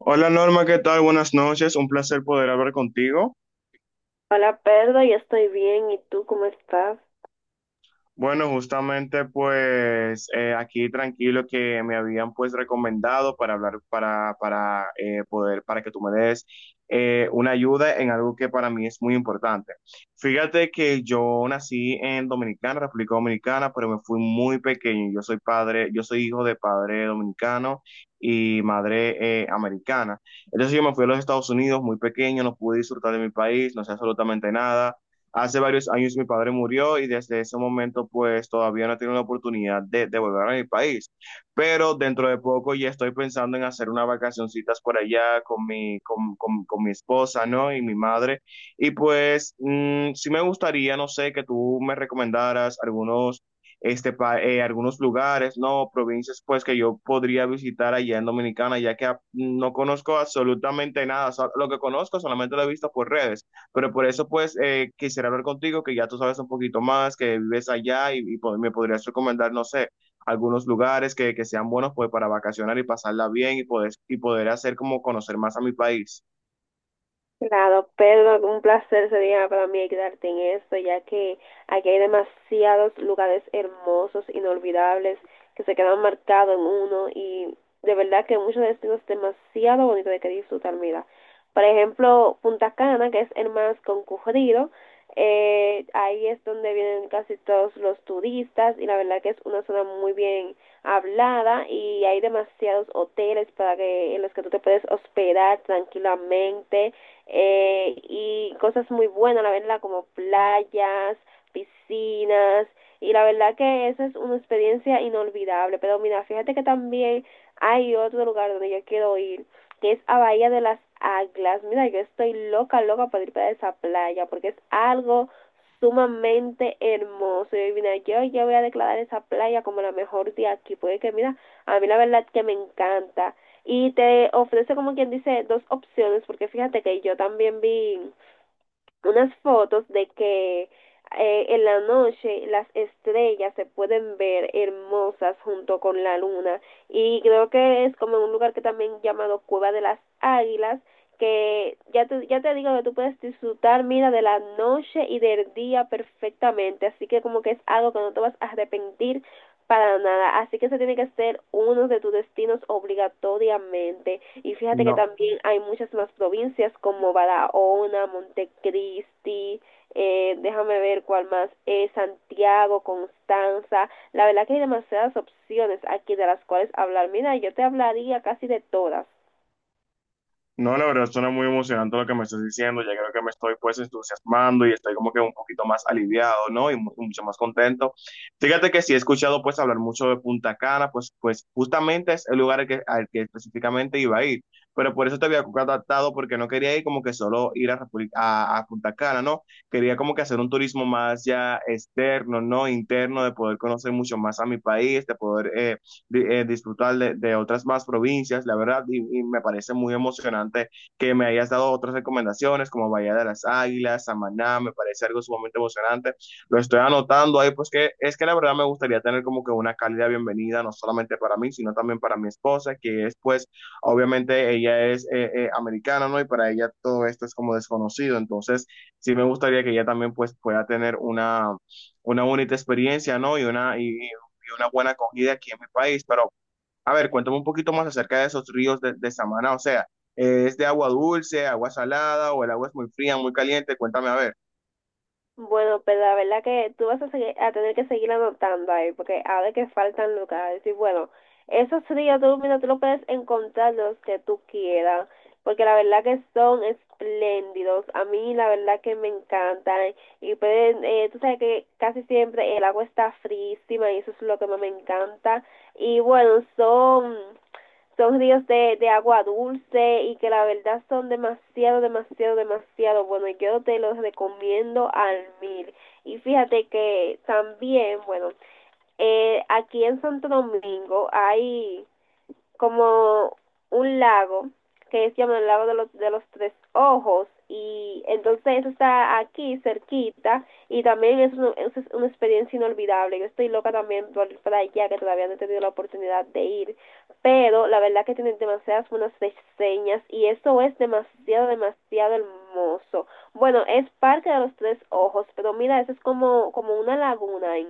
Hola Norma, ¿qué tal? Buenas noches, un placer poder hablar contigo. Hola Pedro, yo estoy bien. ¿Y tú cómo estás? Bueno, justamente pues aquí tranquilo que me habían pues recomendado para hablar, para poder, para que tú me des una ayuda en algo que para mí es muy importante. Fíjate que yo nací en Dominicana, República Dominicana, pero me fui muy pequeño. Yo soy padre, yo soy hijo de padre dominicano y madre americana. Entonces yo me fui a los Estados Unidos muy pequeño, no pude disfrutar de mi país, no sé absolutamente nada. Hace varios años mi padre murió y desde ese momento pues todavía no he tenido la oportunidad de volver a mi país. Pero dentro de poco ya estoy pensando en hacer unas vacacioncitas por allá con con mi esposa, ¿no? Y mi madre. Y pues sí me gustaría, no sé, que tú me recomendaras algunos, este, algunos lugares, ¿no? Provincias pues que yo podría visitar allá en Dominicana, ya que no conozco absolutamente nada. O sea, lo que conozco solamente lo he visto por redes. Pero por eso, pues, quisiera hablar contigo, que ya tú sabes un poquito más, que vives allá y me podrías recomendar, no sé, algunos lugares que sean buenos, pues, para vacacionar y pasarla bien y poder hacer como conocer más a mi país. Claro, Pedro, un placer sería para mí ayudarte en esto, ya que aquí hay demasiados lugares hermosos, inolvidables, que se quedan marcados en uno y de verdad que muchos destinos demasiado bonitos de que disfrutar, mira. Por ejemplo, Punta Cana, que es el más concurrido, ahí es donde vienen casi todos los turistas y la verdad que es una zona muy bien hablada y hay demasiados hoteles para que en los que tú te puedes hospedar tranquilamente y cosas muy buenas, la verdad, como playas, piscinas, y la verdad que esa es una experiencia inolvidable. Pero mira, fíjate que también hay otro lugar donde yo quiero ir, que es a Bahía de las Águilas. Mira, yo estoy loca, loca para ir para esa playa, porque es algo sumamente hermoso. Y mira, yo ya voy a declarar esa playa como la mejor de aquí, porque que mira, a mí la verdad que me encanta y te ofrece como quien dice dos opciones porque fíjate que yo también vi unas fotos de que en la noche las estrellas se pueden ver hermosas junto con la luna y creo que es como un lugar que también llamado Cueva de las Águilas que ya te digo que tú puedes disfrutar, mira, de la noche y del día perfectamente, así que como que es algo que no te vas a arrepentir para nada. Así que se tiene que ser uno de tus destinos obligatoriamente. Y fíjate que No. también hay muchas más provincias como Barahona, Montecristi, déjame ver cuál más, Santiago, Constanza. La verdad que hay demasiadas opciones aquí de las cuales hablar. Mira, yo te hablaría casi de todas. No, la verdad suena muy emocionante lo que me estás diciendo. Ya creo que me estoy pues entusiasmando y estoy como que un poquito más aliviado, ¿no? Y mucho más contento. Fíjate que sí he escuchado pues hablar mucho de Punta Cana, pues, pues justamente es el lugar al que específicamente iba a ir. Pero por eso te había contactado porque no quería ir como que solo ir a, República- a Punta Cana, ¿no? Quería como que hacer un turismo más ya externo, ¿no? Interno, de poder conocer mucho más a mi país, de poder disfrutar de otras más provincias, la verdad, y, me parece muy emocionante que me hayas dado otras recomendaciones como Bahía de las Águilas, Samaná, me parece algo sumamente emocionante. Lo estoy anotando ahí, pues que es que la verdad me gustaría tener como que una cálida bienvenida, no solamente para mí, sino también para mi esposa, que es pues, obviamente ella es americana, ¿no? Y para ella todo esto es como desconocido, entonces sí me gustaría que ella también pues pueda tener una bonita experiencia, ¿no? Y una, y dio una buena acogida aquí en mi país. Pero, a ver, cuéntame un poquito más acerca de esos ríos de Samaná. O sea, ¿es de agua dulce, agua salada o el agua es muy fría, muy caliente? Cuéntame, a ver. Bueno, pero la verdad que tú vas a tener que seguir anotando ahí, porque ahora que faltan lugares. Y bueno, esos ríos tú, mira, tú lo puedes encontrar los que tú quieras, porque la verdad que son espléndidos. A mí la verdad que me encantan. Y pueden, tú sabes que casi siempre el agua está frísima y eso es lo que más me encanta. Y bueno, son ríos de agua dulce y que la verdad son demasiado, demasiado, demasiado buenos. Yo te los recomiendo al mil. Y fíjate que también, bueno, aquí en Santo Domingo hay como un lago que es llamado el lago de los tres ojos y entonces eso está aquí cerquita y también es una experiencia inolvidable. Yo estoy loca también para allá que todavía no he tenido la oportunidad de ir, pero la verdad que tienen demasiadas buenas reseñas y eso es demasiado, demasiado hermoso. Bueno, es Parque de los Tres Ojos, pero mira, eso es como, como una laguna. ¿Eh?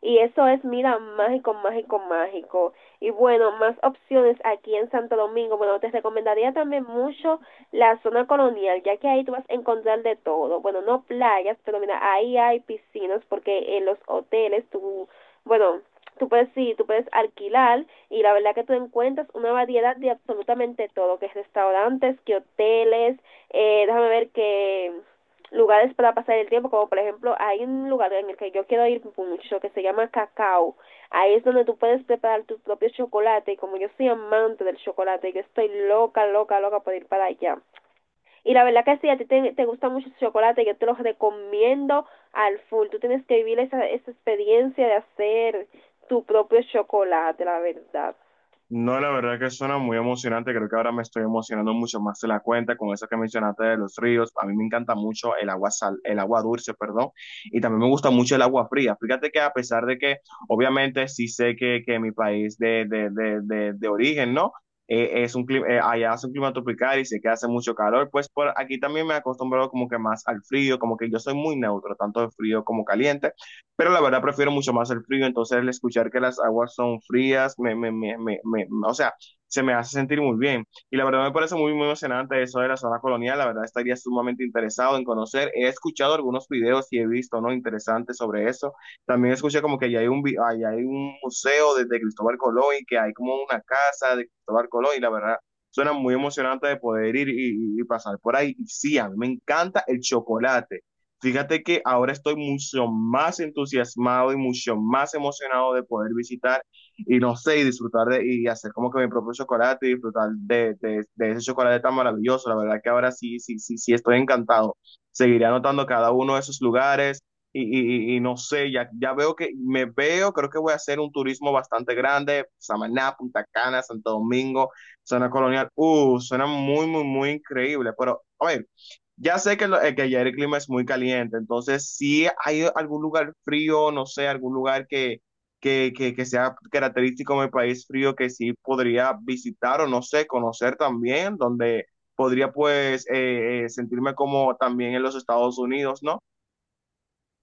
Y eso es, mira, mágico, mágico, mágico. Y bueno, más opciones aquí en Santo Domingo. Bueno, te recomendaría también mucho la zona colonial, ya que ahí tú vas a encontrar de todo. Bueno, no playas, pero mira, ahí hay piscinas porque en los hoteles tú, bueno, tú puedes, sí, tú puedes alquilar y la verdad que tú encuentras una variedad de absolutamente todo, que es restaurantes, que hoteles, déjame ver que lugares para pasar el tiempo, como por ejemplo, hay un lugar en el que yo quiero ir mucho que se llama Cacao. Ahí es donde tú puedes preparar tu propio chocolate y como yo soy amante del chocolate, yo estoy loca, loca, loca por ir para allá. Y la verdad que si a ti te gusta mucho el chocolate, yo te lo recomiendo al full. Tú tienes que vivir esa experiencia de hacer tu propio chocolate, la verdad. No, la verdad que suena muy emocionante. Creo que ahora me estoy emocionando mucho más de la cuenta con eso que mencionaste de los ríos. A mí me encanta mucho el agua sal, el agua dulce, perdón, y también me gusta mucho el agua fría. Fíjate que a pesar de que, obviamente, sí sé que mi país de origen, ¿no? Es un clima, allá hace un clima tropical y sé que hace mucho calor, pues por aquí también me he acostumbrado como que más al frío, como que yo soy muy neutro, tanto de frío como caliente, pero la verdad prefiero mucho más el frío, entonces el escuchar que las aguas son frías, o sea, se me hace sentir muy bien. Y la verdad me parece muy, muy emocionante eso de la zona colonial, la verdad estaría sumamente interesado en conocer. He escuchado algunos videos y he visto, ¿no? Interesantes sobre eso. También escuché como que allá hay un, allá hay un museo de Cristóbal Colón y que hay como una casa de Cristóbal Colón y la verdad... Suena muy emocionante de poder ir y pasar por ahí. Y sí, a mí me encanta el chocolate. Fíjate que ahora estoy mucho más entusiasmado y mucho más emocionado de poder visitar y no sé, y disfrutar de, y hacer como que mi propio chocolate y disfrutar de ese chocolate tan maravilloso. La verdad que ahora sí, sí, sí, sí estoy encantado. Seguiré anotando cada uno de esos lugares y no sé, ya, ya veo que me veo, creo que voy a hacer un turismo bastante grande, Samaná, Punta Cana, Santo Domingo, zona colonial. Suena muy, muy, muy increíble, pero... oye, ya sé que, que ya el clima es muy caliente, entonces si hay algún lugar frío, no sé, algún lugar que sea característico de mi país frío que sí podría visitar o no sé, conocer también, donde podría pues sentirme como también en los Estados Unidos, ¿no?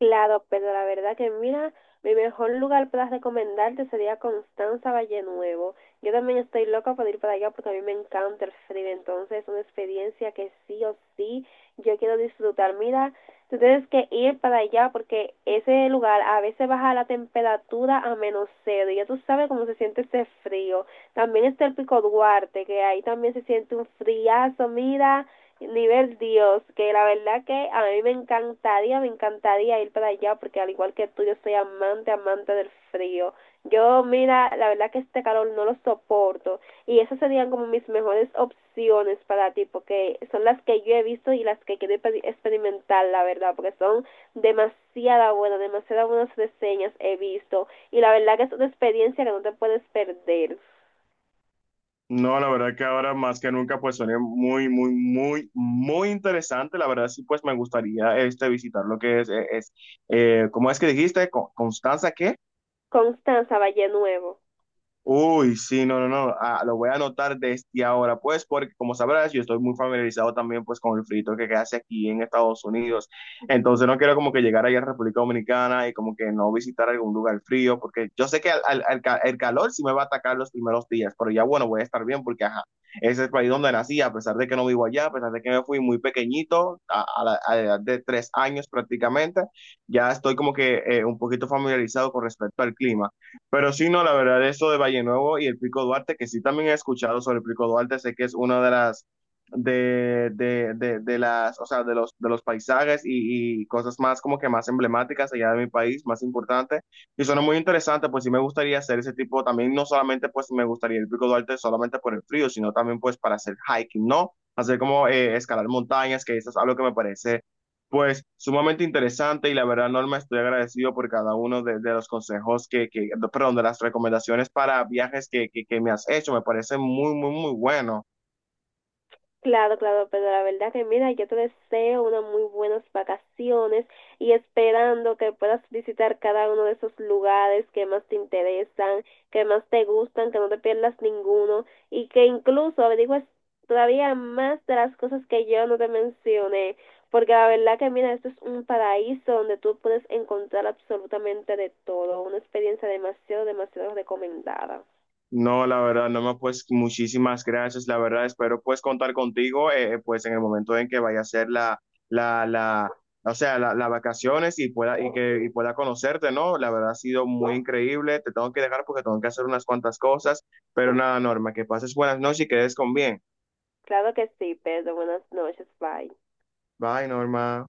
Claro, pero la verdad que mira, mi mejor lugar para recomendarte sería Constanza Valle Nuevo. Yo también estoy loca por ir para allá porque a mí me encanta el frío, entonces es una experiencia que sí o sí yo quiero disfrutar. Mira, tú tienes que ir para allá porque ese lugar a veces baja la temperatura a menos cero y ya tú sabes cómo se siente ese frío. También está el Pico Duarte, que ahí también se siente un friazo, mira nivel Dios, que la verdad que a mí me encantaría ir para allá, porque al igual que tú, yo soy amante, amante del frío. Yo, mira, la verdad que este calor no lo soporto. Y esas serían como mis mejores opciones para ti, porque son las que yo he visto y las que quiero experimentar, la verdad, porque son demasiada buenas, demasiadas buenas reseñas he visto. Y la verdad que es una experiencia que no te puedes perder. No, la verdad que ahora más que nunca pues suena muy, muy, muy, muy interesante. La verdad sí pues me gustaría este visitar lo que es ¿cómo es que dijiste? Constanza, ¿qué? Constanza Valle Nuevo. Uy, sí, no, no, no, ah, lo voy a anotar desde ahora, pues, porque como sabrás, yo estoy muy familiarizado también, pues, con el frito que hace aquí en Estados Unidos. Entonces, no quiero como que llegar allá a República Dominicana y como que no visitar algún lugar frío, porque yo sé que el calor sí me va a atacar los primeros días, pero ya, bueno, voy a estar bien porque, ajá, ese es el país donde nací, a pesar de que no vivo allá, a pesar de que me fui muy pequeñito, a la edad de 3 años prácticamente, ya estoy como que un poquito familiarizado con respecto al clima. Pero sí, no, la verdad, eso de Valle Nuevo y el Pico Duarte, que sí también he escuchado sobre el Pico Duarte, sé que es una de las, de las, o sea, de los paisajes y cosas más como que más emblemáticas allá de mi país, más importantes, y suena muy interesante, pues sí me gustaría hacer ese tipo, también no solamente pues me gustaría el Pico Duarte solamente por el frío, sino también pues para hacer hiking, ¿no? Hacer como escalar montañas, que eso es algo que me parece pues sumamente interesante y la verdad, Norma, estoy agradecido por cada uno de los consejos que, perdón, de las recomendaciones para viajes que me has hecho. Me parece muy, muy, muy bueno. Claro, claro, pero la verdad que mira, yo te deseo unas muy buenas vacaciones y esperando que puedas visitar cada uno de esos lugares que más te interesan, que más te gustan, que no te pierdas ninguno y que incluso averigües todavía más de las cosas que yo no te mencioné, porque la verdad que mira, esto es un paraíso donde tú puedes encontrar absolutamente de todo, una experiencia demasiado, demasiado recomendada. No, la verdad, Norma, pues muchísimas gracias. La verdad, espero pues contar contigo, pues en el momento en que vaya a ser la, la, o sea, la, las vacaciones y pueda, y que, y pueda conocerte, ¿no? La verdad ha sido muy increíble. Te tengo que dejar porque tengo que hacer unas cuantas cosas. Pero nada, Norma, que pases buenas noches y quedes con bien. Claro que sí, Pedro, buenas noches, bye. Bye, Norma.